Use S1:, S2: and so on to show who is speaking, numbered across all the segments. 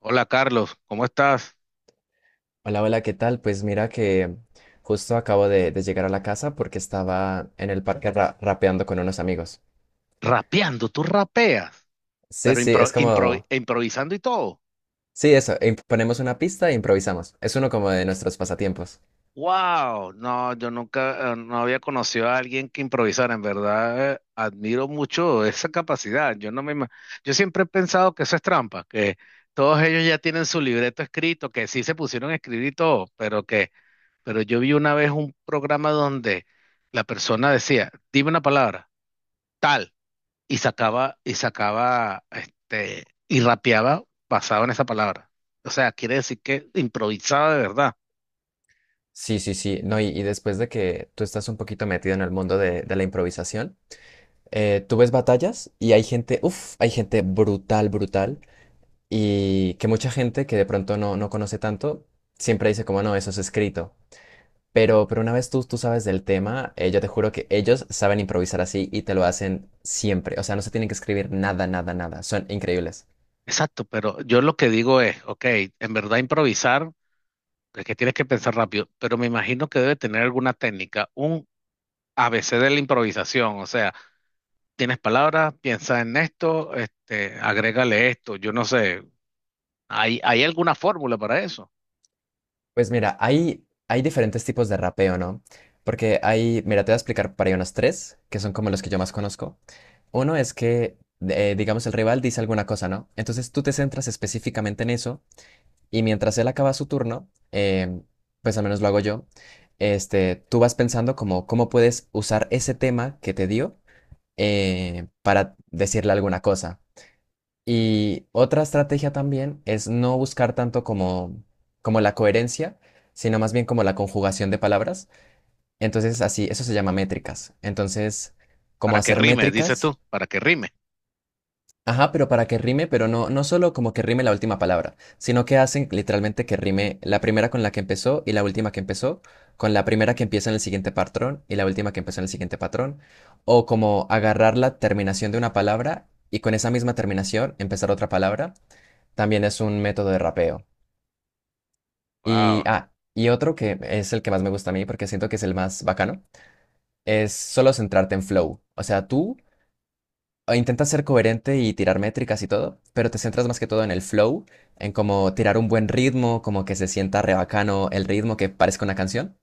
S1: Hola, Carlos, ¿cómo estás?
S2: Hola, hola, ¿qué tal? Pues mira que justo acabo de llegar a la casa porque estaba en el parque rapeando con unos amigos.
S1: Rapeando, tú rapeas,
S2: Sí,
S1: pero
S2: sí, es como...
S1: e improvisando y todo.
S2: Sí, eso, e ponemos una pista e improvisamos. Es uno como de nuestros pasatiempos.
S1: ¡Wow! No, yo nunca, no había conocido a alguien que improvisara. En verdad, admiro mucho esa capacidad. Yo no me, ima- Yo siempre he pensado que eso es trampa, que todos ellos ya tienen su libreto escrito, que sí se pusieron a escribir y todo, pero yo vi una vez un programa donde la persona decía, dime una palabra, tal. Y sacaba, y rapeaba basado en esa palabra. O sea, quiere decir que improvisaba de verdad.
S2: Sí, sí, sí, no, y después de que tú estás un poquito metido en el mundo de la improvisación, tú ves batallas y hay gente, uff, hay gente brutal, brutal, y que mucha gente que de pronto no conoce tanto, siempre dice como, no, eso es escrito. Pero una vez tú sabes del tema, yo te juro que ellos saben improvisar así y te lo hacen siempre. O sea, no se tienen que escribir nada, nada, nada. Son increíbles.
S1: Exacto, pero yo lo que digo es, ok, en verdad improvisar es que tienes que pensar rápido, pero me imagino que debe tener alguna técnica, un ABC de la improvisación, o sea, tienes palabras, piensa en esto, agrégale esto, yo no sé, ¿hay alguna fórmula para eso?
S2: Pues mira, hay diferentes tipos de rapeo, ¿no? Porque hay, mira, te voy a explicar para ahí unos tres, que son como los que yo más conozco. Uno es que, digamos, el rival dice alguna cosa, ¿no? Entonces tú te centras específicamente en eso y mientras él acaba su turno, pues al menos lo hago yo, tú vas pensando como cómo puedes usar ese tema que te dio para decirle alguna cosa. Y otra estrategia también es no buscar tanto como, como la coherencia, sino más bien como la conjugación de palabras. Entonces, así, eso se llama métricas. Entonces, como
S1: Para que
S2: hacer
S1: rime, dices
S2: métricas.
S1: tú, para que rime.
S2: Ajá, pero para que rime, pero no, no solo como que rime la última palabra, sino que hacen literalmente que rime la primera con la que empezó y la última que empezó, con la primera que empieza en el siguiente patrón y la última que empezó en el siguiente patrón, o como agarrar la terminación de una palabra y con esa misma terminación empezar otra palabra, también es un método de rapeo. Y,
S1: Wow.
S2: ah, y otro que es el que más me gusta a mí porque siento que es el más bacano, es solo centrarte en flow. O sea, tú o intentas ser coherente y tirar métricas y todo, pero te centras más que todo en el flow, en cómo tirar un buen ritmo, como que se sienta re bacano el ritmo que parezca una canción.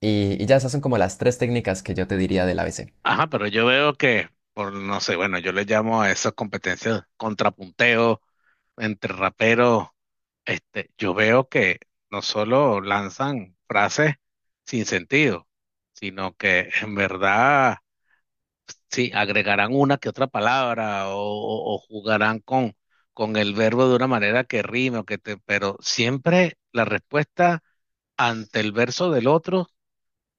S2: Y ya esas son como las tres técnicas que yo te diría del ABC.
S1: Ajá, pero yo veo que, por no sé, bueno, yo le llamo a esas competencias contrapunteo entre raperos, yo veo que no solo lanzan frases sin sentido, sino que en verdad sí agregarán una que otra palabra o jugarán con el verbo de una manera que rime o que te, pero siempre la respuesta ante el verso del otro.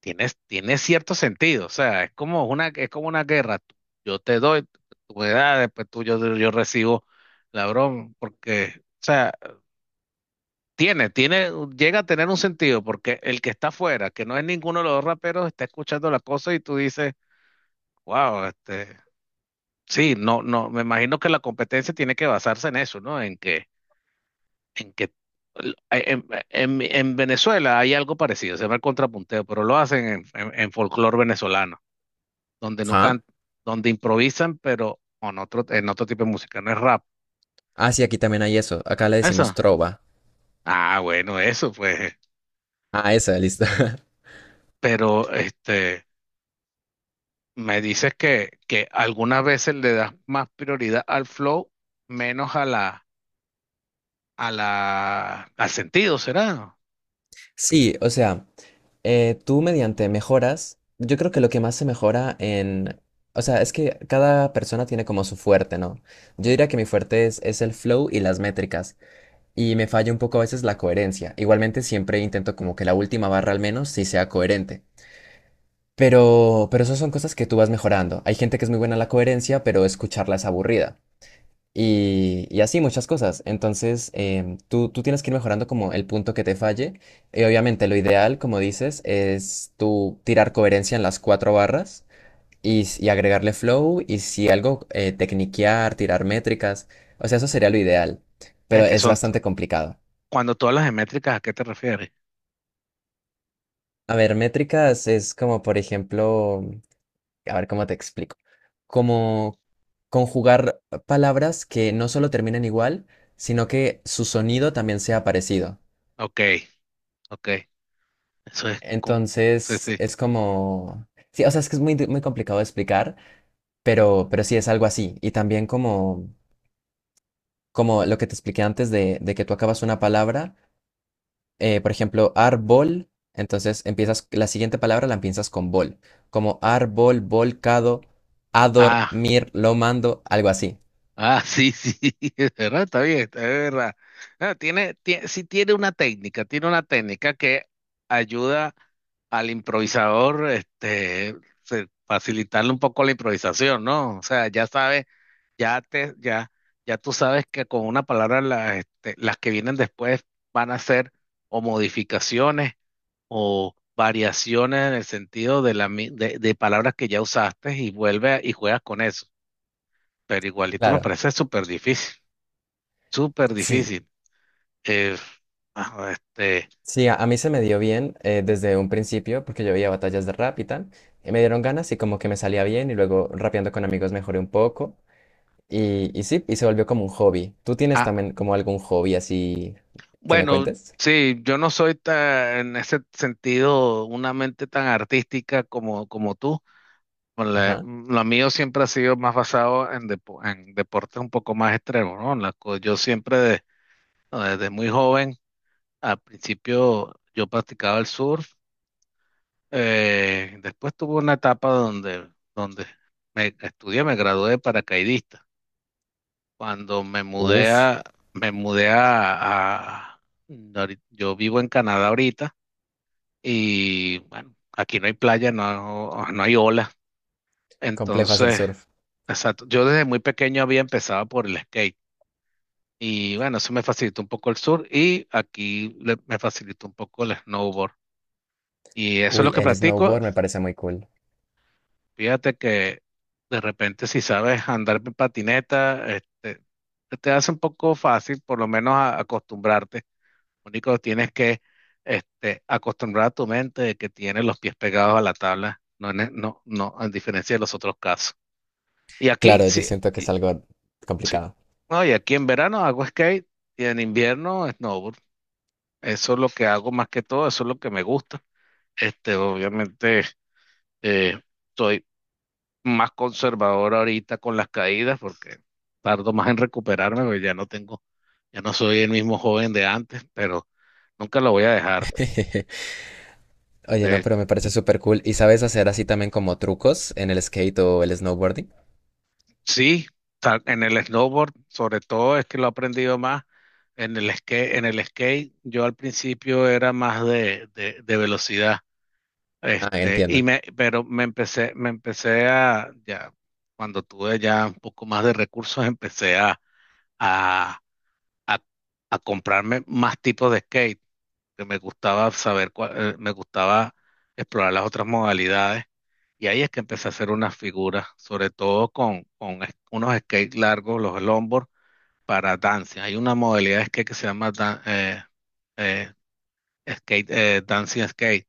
S1: Tiene cierto sentido, o sea, es como una guerra. Yo te doy, tú me das, después yo recibo la broma, porque, o sea, llega a tener un sentido, porque el que está afuera, que no es ninguno de los dos raperos, está escuchando la cosa y tú dices, wow, sí, no, no, me imagino que la competencia tiene que basarse en eso, ¿no? En que, en que, en, en- En Venezuela hay algo parecido, se llama el contrapunteo, pero lo hacen en, en folclore venezolano. Donde no
S2: Ajá.
S1: cantan, donde improvisan, pero con otro, en otro tipo de música, no es rap.
S2: Ah, sí, aquí también hay eso. Acá le
S1: ¿Eso?
S2: decimos trova.
S1: Ah, bueno, eso pues.
S2: Ah, esa, listo.
S1: Pero me dices que algunas veces le das más prioridad al flow, menos a la, al sentido, ¿será?
S2: Sí, o sea, tú mediante mejoras, yo creo que lo que más se mejora en... O sea, es que cada persona tiene como su fuerte, ¿no? Yo diría que mi fuerte es el flow y las métricas. Y me falla un poco a veces la coherencia. Igualmente siempre intento como que la última barra al menos sí sea coherente. Pero esas son cosas que tú vas mejorando. Hay gente que es muy buena en la coherencia, pero escucharla es aburrida. Y así muchas cosas. Entonces, tú tienes que ir mejorando como el punto que te falle. Y obviamente lo ideal, como dices, es tú tirar coherencia en las cuatro barras y agregarle flow y si algo, tecniquear, tirar métricas. O sea, eso sería lo ideal, pero
S1: Es que
S2: es
S1: son, t-
S2: bastante complicado.
S1: Cuando todas las métricas, ¿a qué te refieres?
S2: A ver, métricas es como, por ejemplo, a ver cómo te explico. Como conjugar palabras que no solo terminan igual, sino que su sonido también sea parecido.
S1: Ok, ok. Eso es como, sí,
S2: Entonces,
S1: sí.
S2: es como... Sí, o sea, es que es muy, muy complicado de explicar, pero sí es algo así. Y también como, como lo que te expliqué antes de que tú acabas una palabra, por ejemplo, árbol, entonces empiezas, la siguiente palabra la empiezas con bol, como árbol, volcado, a
S1: Ah.
S2: dormir, lo mando, algo así.
S1: Ah, sí, sí, es verdad, está bien, es verdad. Ah, sí tiene una técnica que ayuda al improvisador, facilitarle un poco la improvisación, ¿no? O sea, ya sabes, ya te, ya, ya tú sabes que con una palabra las que vienen después van a ser o modificaciones o variaciones en el sentido de de palabras que ya usaste y vuelve y juegas con eso, pero igualito me
S2: Claro,
S1: parece súper difícil, súper
S2: sí,
S1: difícil. Eh, ah, este,
S2: sí, a mí se me dio bien desde un principio porque yo veía batallas de rap y tal, y me dieron ganas y como que me salía bien y luego rapeando con amigos mejoré un poco y sí, y se volvió como un hobby. ¿Tú tienes
S1: ah,
S2: también como algún hobby así que me
S1: bueno,
S2: cuentes?
S1: sí, yo no soy en ese sentido una mente tan artística como, como tú.
S2: Ajá.
S1: Lo mío siempre ha sido más basado en, en deportes un poco más extremos, ¿no? Yo siempre no, desde muy joven, al principio yo practicaba el surf, después tuve una etapa donde me estudié, me gradué de paracaidista. Cuando
S2: Uf,
S1: me mudé a, a- yo vivo en Canadá ahorita y bueno, aquí no hay playa, no, no hay ola.
S2: complejo hacer
S1: Entonces,
S2: surf.
S1: exacto, yo desde muy pequeño había empezado por el skate y bueno, eso me facilitó un poco el sur y aquí me facilitó un poco el snowboard. Y eso es
S2: Uy,
S1: lo que
S2: el
S1: practico.
S2: snowboard me parece muy cool.
S1: Fíjate que de repente si sabes andar en patineta, te hace un poco fácil por lo menos acostumbrarte. Único, tienes que acostumbrar a tu mente de que tienes los pies pegados a la tabla, no, no, a diferencia de los otros casos. Y aquí,
S2: Claro, yo
S1: sí,
S2: siento que es
S1: y,
S2: algo complicado.
S1: no, y aquí en verano hago skate y en invierno snowboard. Eso es lo que hago más que todo, eso es lo que me gusta. Este, obviamente, eh, soy más conservador ahorita con las caídas porque tardo más en recuperarme porque ya no tengo, ya no soy el mismo joven de antes, pero nunca lo voy a dejar.
S2: Oye, no,
S1: De
S2: pero me parece súper cool. ¿Y sabes hacer así también como trucos en el skate o el snowboarding?
S1: Sí, en el snowboard, sobre todo, es que lo he aprendido más. En el skate, yo al principio era más de velocidad.
S2: Ah, entiendo.
S1: Pero me empecé a, ya, cuando tuve ya un poco más de recursos, empecé a, a, a comprarme más tipos de skate, que me gustaba saber me gustaba explorar las otras modalidades. Y ahí es que empecé a hacer unas figuras, sobre todo con, unos skates largos, los longboard, para dancing. Hay una modalidad de skate que se llama eh, skate, dancing skate.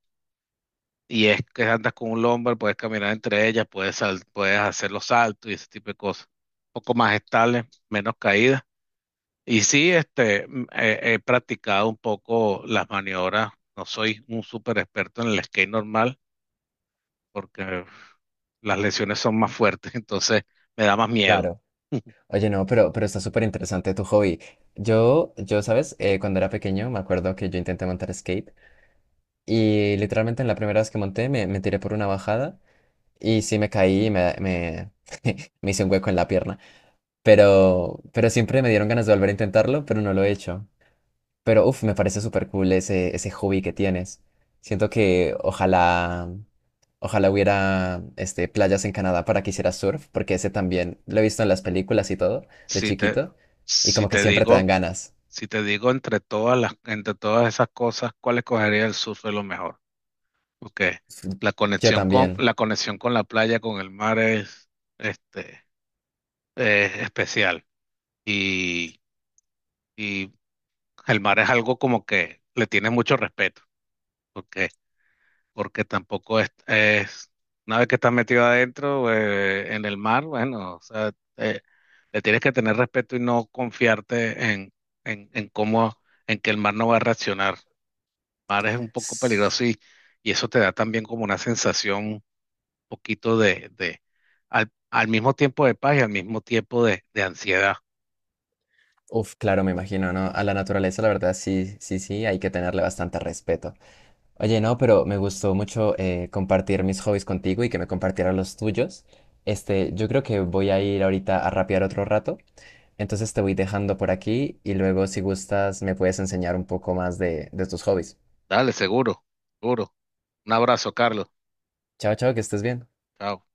S1: Y es que andas con un longboard, puedes caminar entre ellas, puedes hacer los saltos y ese tipo de cosas. Un poco más estable, menos caídas y sí, he practicado un poco las maniobras. No soy un súper experto en el skate normal porque uf, las lesiones son más fuertes, entonces me da más miedo.
S2: Claro. Oye, no, pero está súper interesante tu hobby. Yo, ¿sabes? Cuando era pequeño me acuerdo que yo intenté montar skate y literalmente en la primera vez que monté me tiré por una bajada y sí me caí y me hice un hueco en la pierna. Pero siempre me dieron ganas de volver a intentarlo, pero no lo he hecho. Pero uff, me parece súper cool ese hobby que tienes. Siento que ojalá, ojalá hubiera este, playas en Canadá para que hicieras surf, porque ese también lo he visto en las películas y todo, de
S1: Si te,
S2: chiquito, y
S1: si
S2: como que
S1: te
S2: siempre te dan
S1: digo,
S2: ganas.
S1: si te digo entre todas las, entre todas esas cosas, ¿cuál escogería? El surf es lo mejor. Porque
S2: Yo también.
S1: la conexión con la playa, con el mar es, este, es especial. Y, y el mar es algo como que le tienes mucho respeto. porque, porque tampoco una vez que estás metido adentro, en el mar, bueno, o sea, eh, le tienes que tener respeto y no confiarte en cómo, en que el mar no va a reaccionar. El mar es un poco
S2: S-
S1: peligroso y eso te da también como una sensación de, al, al mismo tiempo de paz y al mismo tiempo de ansiedad.
S2: Uf, claro, me imagino, ¿no? A la naturaleza, la verdad, sí, sí, sí, hay que tenerle bastante respeto. Oye, no, pero me gustó mucho compartir mis hobbies contigo y que me compartieras los tuyos. Este, yo creo que voy a ir ahorita a rapear otro rato. Entonces te voy dejando por aquí y luego si gustas me puedes enseñar un poco más de tus hobbies.
S1: Dale, seguro, seguro. Un abrazo, Carlos.
S2: Chao, chao, que estés bien.
S1: Chao.